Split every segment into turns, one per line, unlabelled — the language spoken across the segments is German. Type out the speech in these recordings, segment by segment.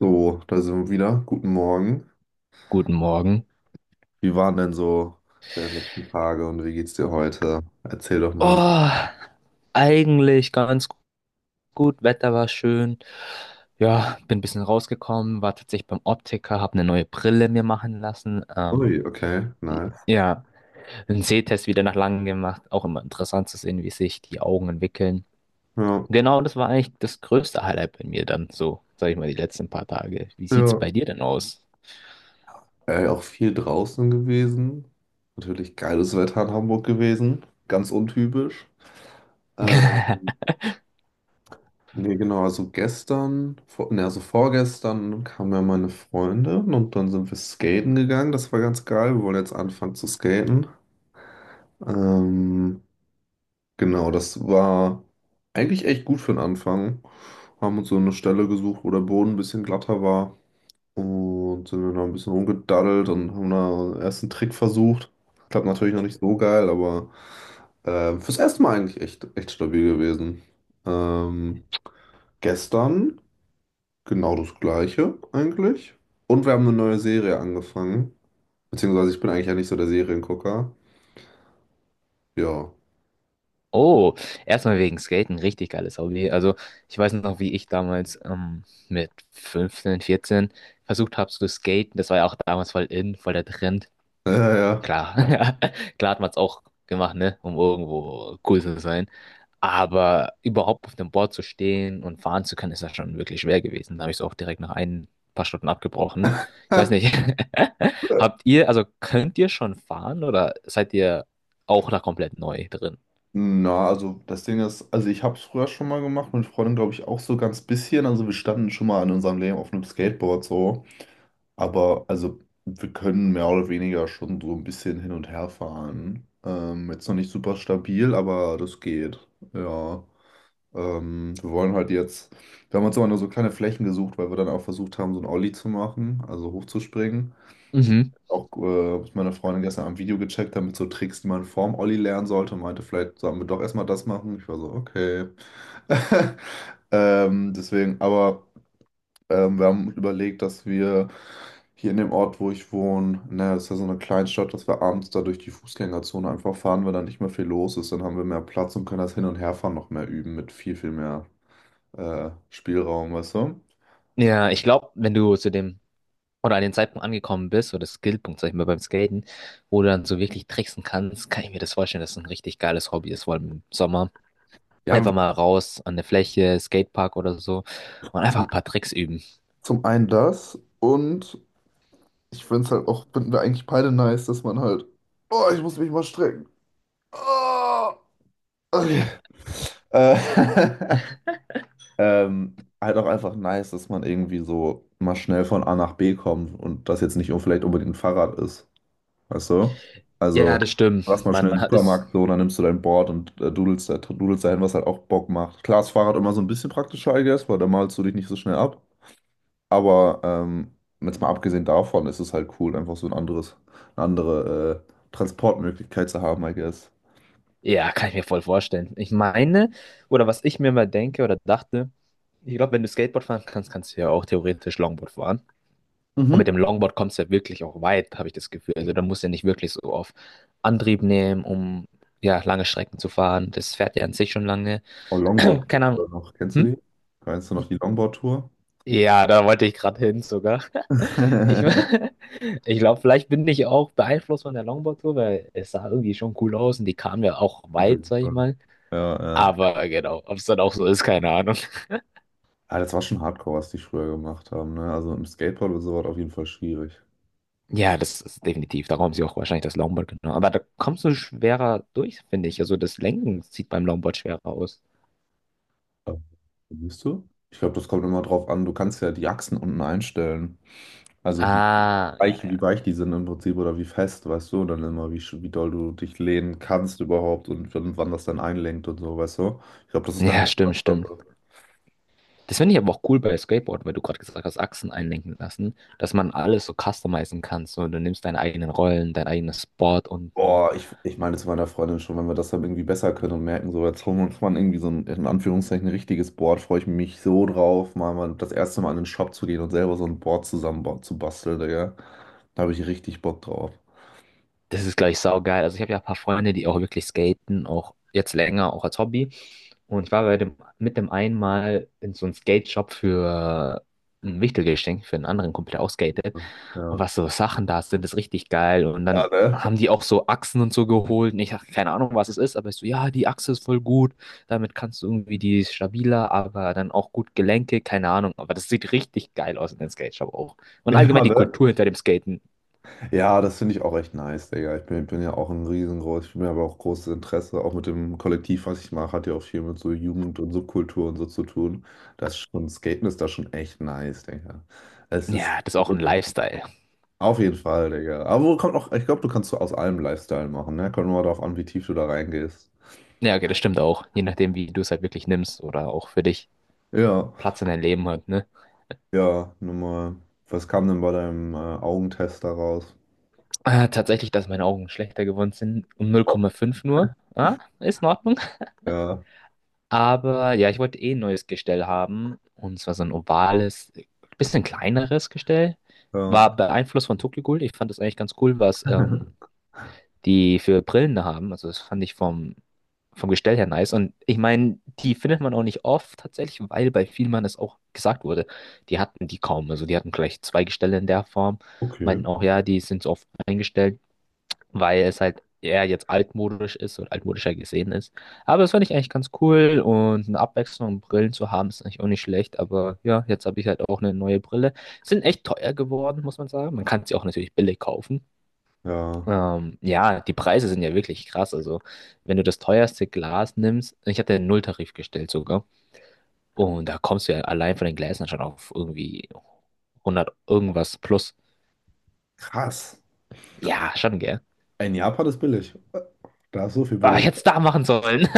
So, da sind wir wieder. Guten Morgen.
Guten Morgen.
Wie waren denn so deine letzten Tage und wie geht's dir heute? Erzähl doch mal, wie.
Oh, eigentlich ganz gut. Wetter war schön. Ja, bin ein bisschen rausgekommen, war tatsächlich beim Optiker, habe eine neue Brille mir machen lassen.
Ui, okay, nice.
Ja, einen Sehtest wieder nach langem gemacht. Auch immer interessant zu sehen, wie sich die Augen entwickeln.
Ja,
Genau, das war eigentlich das größte Highlight bei mir dann so, sag ich mal, die letzten paar Tage. Wie sieht's
ja.
bei dir denn aus?
Auch viel draußen gewesen. Natürlich geiles Wetter in Hamburg gewesen. Ganz untypisch. Äh, genau, also vorgestern kamen ja meine Freundin und dann sind wir skaten gegangen. Das war ganz geil. Wir wollen jetzt anfangen zu skaten. Ähm, Genau, das war eigentlich echt gut für den Anfang. Haben uns so eine Stelle gesucht, wo der Boden ein bisschen glatter war. Und sind dann da ein bisschen rumgedaddelt und haben da erst einen Trick versucht. Klappt natürlich noch nicht so geil, aber fürs erste Mal eigentlich echt stabil gewesen. Ähm, Gestern genau das gleiche eigentlich. Und wir haben eine neue Serie angefangen. Beziehungsweise ich bin eigentlich ja nicht so der Seriengucker. Ja.
Oh, erstmal wegen Skaten, richtig geiles Hobby. Also ich weiß noch, wie ich damals mit 15, 14 versucht habe zu skaten. Das war ja auch damals voll in, voll der Trend.
Ja,
Klar, klar hat man es auch gemacht, ne, um irgendwo cool zu sein. Aber überhaupt auf dem Board zu stehen und fahren zu können, ist ja schon wirklich schwer gewesen. Da habe ich es auch direkt nach ein paar Stunden abgebrochen. Ich weiß
ja.
nicht, habt ihr, also könnt ihr schon fahren oder seid ihr auch da komplett neu drin?
Na, also das Ding ist, also ich habe es früher schon mal gemacht, mit Freunden glaube ich auch so ganz bisschen. Also wir standen schon mal in unserem Leben auf einem Skateboard so. Aber also wir können mehr oder weniger schon so ein bisschen hin und her fahren. Jetzt noch nicht super stabil, aber das geht. Ja. Wir wollen halt jetzt, Wir haben uns immer nur so kleine Flächen gesucht, weil wir dann auch versucht haben, so ein Ollie zu machen, also hochzuspringen auch, was meine Freundin gestern am Video gecheckt hat, mit so Tricks, die man vorm Olli lernen sollte, und meinte, vielleicht sollen wir doch erstmal das machen. Ich war so, okay. Deswegen, aber Wir haben überlegt, dass wir hier in dem Ort, wo ich wohne, ne, das ist ja so eine Kleinstadt, dass wir abends da durch die Fußgängerzone einfach fahren, weil da nicht mehr viel los ist. Dann haben wir mehr Platz und können das Hin- und Herfahren noch mehr üben mit viel mehr Spielraum, weißt du?
Ja, ich glaube, wenn du zu dem oder an den Zeitpunkt angekommen bist, oder Skillpunkt, sag ich mal, beim Skaten, wo du dann so wirklich tricksen kannst, kann ich mir das vorstellen, dass es ein richtig geiles Hobby ist, vor allem im Sommer.
Ja,
Einfach mal raus an der Fläche, Skatepark oder so und einfach ein
zum,
paar Tricks üben.
zum einen das und. Ich finde es halt auch, finden wir eigentlich beide nice, dass man halt, oh, ich muss mich mal strecken. Ah, okay. Äh, halt auch einfach nice, dass man irgendwie so mal schnell von A nach B kommt und das jetzt nicht vielleicht unbedingt ein Fahrrad ist. Weißt du?
Ja,
Also,
das stimmt.
lass mal schnell in
Man
den
hat es,
Supermarkt so, dann nimmst du dein Board und dudelst dahin, was halt auch Bock macht. Klar, ist Fahrrad immer so ein bisschen praktischer, I guess, weil da malst du dich nicht so schnell ab. Aber jetzt mal abgesehen davon ist es halt cool, einfach so ein andere Transportmöglichkeit zu haben, I guess.
ja, kann ich mir voll vorstellen. Ich meine, oder was ich mir mal denke oder dachte, ich glaube, wenn du Skateboard fahren kannst, kannst du ja auch theoretisch Longboard fahren. Und mit
Mhm.
dem Longboard kommst du ja wirklich auch weit, habe ich das Gefühl. Also da musst du ja nicht wirklich so auf Antrieb nehmen, um ja lange Strecken zu fahren. Das fährt ja an sich schon lange.
Oh, Longboard
Keine Ahnung.
noch, kennst du
Hm?
die? Kennst du noch die Longboard-Tour?
Ja, da wollte ich gerade hin sogar. Ich, ich glaube, vielleicht bin ich auch beeinflusst von der Longboard-Tour, weil es sah irgendwie schon cool aus und die kamen ja auch
Auf
weit,
jeden
sag ich
Fall.
mal.
Ja, ja.
Aber genau, ob es dann auch so ist, keine Ahnung.
Ah, das war schon Hardcore, was die früher gemacht haben, ne? Also im Skateboard oder so war das auf jeden Fall schwierig.
Ja, das ist definitiv. Darum haben sie auch wahrscheinlich das Longboard genommen. Aber da kommst du schwerer durch, finde ich. Also das Lenken sieht beim Longboard schwerer aus.
Aber, Bist du? Ich glaube, das kommt immer drauf an. Du kannst ja die Achsen unten einstellen. Also wie
Ah, ja,
weich,
ja.
wie weich die sind im Prinzip oder wie fest, weißt du, dann immer, wie doll du dich lehnen kannst überhaupt und wann das dann einlenkt und so, weißt du? Ich glaube, das ist dann
Ja, stimmt, stimmt.
Geschmackssache.
Das finde ich aber auch cool bei Skateboard, weil du gerade gesagt hast, Achsen einlenken lassen, dass man alles so customizen kann. So, du nimmst deine eigenen Rollen, dein eigenes Board unten.
Boah, ich meine zu meiner Freundin schon, wenn wir das dann irgendwie besser können und merken, so jetzt holen wir uns mal irgendwie so ein, in Anführungszeichen, richtiges Board, freue ich mich so drauf, mal das erste Mal in den Shop zu gehen und selber so ein Board zusammen zu basteln, Digga. Da habe ich richtig Bock drauf.
Das ist gleich saugeil. Also ich habe ja ein paar Freunde, die auch wirklich skaten, auch jetzt länger, auch als Hobby. Und ich war bei dem, mit dem einmal in so einem Skate-Shop für ein Wichtelgeschenk für einen anderen Kumpel, der auch skatet. Und
Ja.
was so Sachen da sind, ist richtig geil. Und
Ja,
dann
ne?
haben die auch so Achsen und so geholt. Und ich habe keine Ahnung, was es ist, aber ich so, ja, die Achse ist voll gut. Damit kannst du irgendwie die ist stabiler, aber dann auch gut Gelenke, keine Ahnung. Aber das sieht richtig geil aus in den Skate Shop auch. Und allgemein
Ja,
die
ne?
Kultur hinter dem Skaten.
Ja, das finde ich auch echt nice, Digga. Ich bin ja auch ein riesengroß, ich bin mir aber auch großes Interesse, auch mit dem Kollektiv, was ich mache, hat ja auch viel mit so Jugend und Subkultur und so zu tun. Das ist schon, Skaten ist da schon echt nice, Digga. Es ist
Ja, das ist auch ein Lifestyle.
auf jeden Fall, Digga. Aber wo kommt auch, ich glaube, du kannst so aus allem Lifestyle machen, ne? Kommt nur darauf an, wie tief du da reingehst.
Ja, okay, das stimmt auch. Je nachdem, wie du es halt wirklich nimmst oder auch für dich
Ja,
Platz in deinem Leben hat, ne?
ja, nun mal. Was kam denn bei deinem Augentest da raus?
Tatsächlich, dass meine Augen schlechter geworden sind. Um
Oh,
0,5 nur. Ah, ist in Ordnung.
Ja,
Aber ja, ich wollte eh ein neues Gestell haben. Und zwar so ein ovales, bisschen kleineres Gestell.
ja.
War beeinflusst von Tokyo Ghoul. Ich fand das eigentlich ganz cool, was die für Brillen da haben. Also das fand ich vom, vom Gestell her nice. Und ich meine, die findet man auch nicht oft tatsächlich, weil bei Vielmann es auch gesagt wurde. Die hatten die kaum. Also die hatten gleich zwei Gestelle in der Form.
Okay,
Meinten auch, ja, die sind so oft eingestellt, weil es halt eher jetzt altmodisch ist und altmodischer gesehen ist. Aber das fand ich eigentlich ganz cool und eine Abwechslung und Brillen zu haben ist eigentlich auch nicht schlecht. Aber ja, jetzt habe ich halt auch eine neue Brille. Sind echt teuer geworden, muss man sagen. Man kann sie auch natürlich billig kaufen.
ja.
Ja, die Preise sind ja wirklich krass. Also, wenn du das teuerste Glas nimmst, ich hatte einen Nulltarif gestellt sogar. Und da kommst du ja allein von den Gläsern schon auf irgendwie 100 irgendwas plus.
Krass.
Ja, schon, gell?
In Japan ist billig. Da ist so viel
Ah, ich
billig.
hätte es da machen sollen.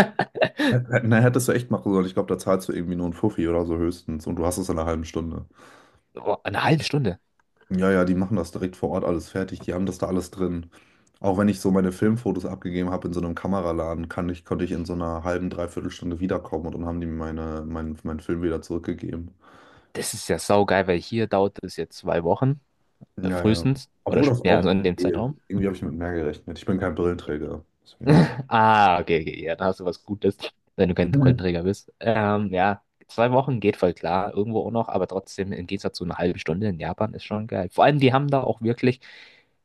Na, hättest du echt machen sollen. Ich glaube, da zahlst du irgendwie nur einen Fuffi oder so höchstens und du hast es in einer halben Stunde.
Boah, eine halbe Stunde.
Ja, ja, die machen das direkt vor Ort alles fertig. Die haben das da alles drin. Auch wenn ich so meine Filmfotos abgegeben habe in so einem Kameraladen, konnte ich in so einer halben, dreiviertel Stunde wiederkommen und dann haben die mir meinen Film wieder zurückgegeben.
Das ist ja saugeil, weil hier dauert es jetzt 2 Wochen,
Ja, ja.
frühestens, oder
Obwohl das
ja, so
auch
in dem
geht.
Zeitraum.
Irgendwie habe ich mit mehr gerechnet. Ich bin kein Brillenträger. Deswegen.
Ah, okay, okay, ja, da hast du was Gutes, wenn du kein Brillenträger bist. Ja, 2 Wochen geht voll klar, irgendwo auch noch, aber trotzdem im Gegensatz zu einer halben Stunde in Japan ist schon geil. Vor allem, die haben da auch wirklich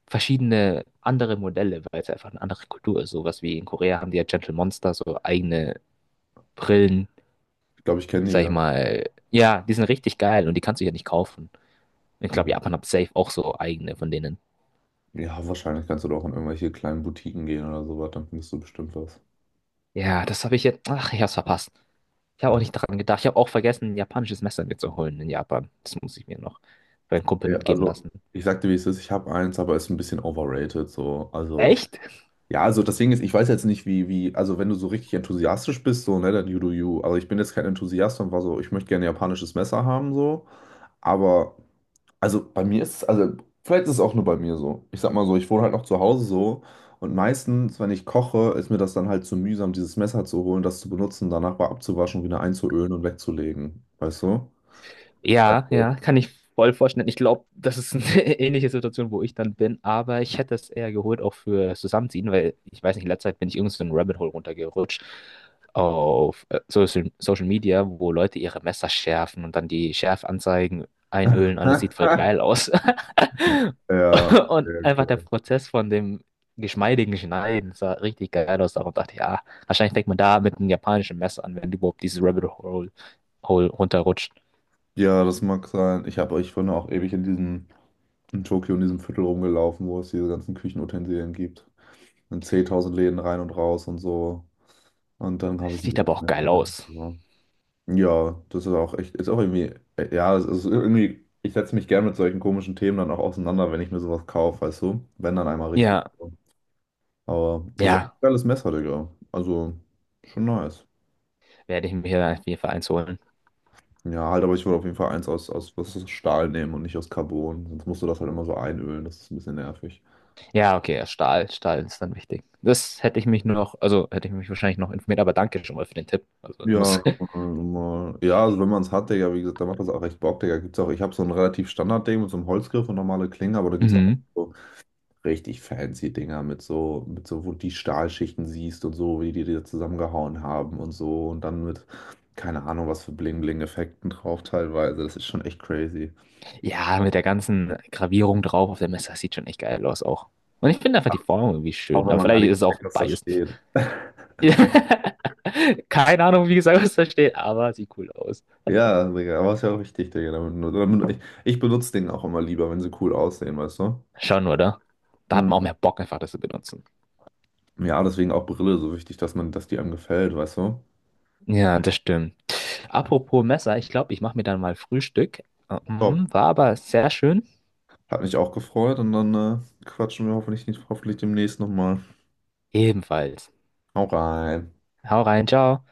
verschiedene andere Modelle, weil es einfach eine andere Kultur ist. Sowas wie in Korea haben die ja Gentle Monster, so eigene Brillen,
Ich glaube, ich kenne die
sag ich
ja.
mal. Ja, die sind richtig geil und die kannst du ja nicht kaufen. Ich glaube,
Ja.
Japan hat safe auch so eigene von denen.
Ja, wahrscheinlich kannst du doch in irgendwelche kleinen Boutiquen gehen oder sowas, dann findest du bestimmt was.
Ja, das habe ich jetzt. Ach, ich hab's verpasst. Ich habe auch
Ja,
nicht dran gedacht. Ich habe auch vergessen, ein japanisches Messer mir zu holen in Japan. Das muss ich mir noch bei einem Kumpel
Ja,
mitgeben lassen.
also, ich sag dir, wie es ist, ich habe eins, aber es ist ein bisschen overrated, so. Also,
Echt?
ja, also das Ding ist, ich weiß jetzt nicht, wie, also wenn du so richtig enthusiastisch bist, so, ne, dann you do you. Also ich bin jetzt kein Enthusiast und war so, ich möchte gerne japanisches Messer haben, so, aber. Also bei mir ist es, also vielleicht ist es auch nur bei mir so. Ich sag mal so, ich wohne halt noch zu Hause so und meistens, wenn ich koche, ist mir das dann halt zu mühsam, dieses Messer zu holen, das zu benutzen, danach mal abzuwaschen, wieder einzuölen und wegzulegen. Weißt du?
Ja,
Also.
ja, kann ich voll vorstellen. Ich glaube, das ist eine ähnliche Situation, wo ich dann bin, aber ich hätte es eher geholt, auch für Zusammenziehen, weil ich weiß nicht, in letzter Zeit bin ich irgendwie so ein Rabbit Hole runtergerutscht auf Social Media, wo Leute ihre Messer schärfen und dann die Schärfanzeigen einölen. Alles sieht voll geil aus.
Ja,
Und
okay,
einfach der
okay.
Prozess von dem geschmeidigen Schneiden sah richtig geil aus. Darum dachte ich, ja, wahrscheinlich fängt man da mit einem japanischen Messer an, wenn du überhaupt dieses Rabbit Hole runterrutscht.
Ja, das mag sein. Ich bin auch ewig in diesem, in Tokio in diesem Viertel rumgelaufen, wo es diese ganzen Küchenutensilien gibt. In 10.000 Läden rein und raus und so. Und dann habe ich mich
Sieht aber
immer
auch
nicht
geil aus.
mehr. Ja, das ist auch echt, ist auch irgendwie, ja, es ist irgendwie, ich setze mich gern mit solchen komischen Themen dann auch auseinander, wenn ich mir sowas kaufe, weißt du? Wenn dann einmal richtig.
Ja,
So. Aber das ist echt
ja,
ein geiles Messer, Digga. Also, schon nice.
werde ich mir hier auf jeden Fall eins holen.
Ja, halt, aber ich würde auf jeden Fall was aus Stahl nehmen und nicht aus Carbon. Sonst musst du das halt immer so einölen, das ist ein bisschen nervig.
Ja, okay, Stahl, Stahl ist dann wichtig. Das hätte ich mich nur noch, also hätte ich mich wahrscheinlich noch informiert, aber danke schon mal für den Tipp. Also muss.
Ja, ja, also wenn man es hat, Digga, wie gesagt, dann macht das auch echt Bock, Digga. Gibt's auch, ich habe so ein relativ Standard-Ding mit so einem Holzgriff und normale Klinge, aber da gibt es auch.
Mhm.
So richtig fancy Dinger wo du die Stahlschichten siehst und so, wie die die zusammengehauen haben und so und dann mit, keine Ahnung, was für Bling-Bling-Effekten drauf teilweise. Das ist schon echt crazy.
Ja, mit der ganzen Gravierung drauf auf der Messe, das sieht schon echt geil aus auch. Und ich finde einfach die Form irgendwie
Auch
schön.
wenn
Aber
man gar
vielleicht
nicht
ist es auch
checkt, was da
biased.
steht.
Keine Ahnung, wie gesagt, was da steht, aber sieht cool aus.
Ja, Digga, aber ist ja auch richtig, Digga. Ich benutze den auch immer lieber, wenn sie cool aussehen, weißt du?
Schon, oder? Da hat man auch
Mhm.
mehr Bock, einfach das zu benutzen.
Ja, deswegen auch Brille so wichtig, dass man, dass die einem gefällt, weißt du?
Ja, das stimmt. Apropos Messer, ich glaube, ich mache mir dann mal Frühstück.
Top.
War aber sehr schön.
Hat mich auch gefreut und dann quatschen wir hoffentlich nicht, hoffentlich demnächst nochmal.
Ebenfalls.
Hau rein.
Hau rein, ciao.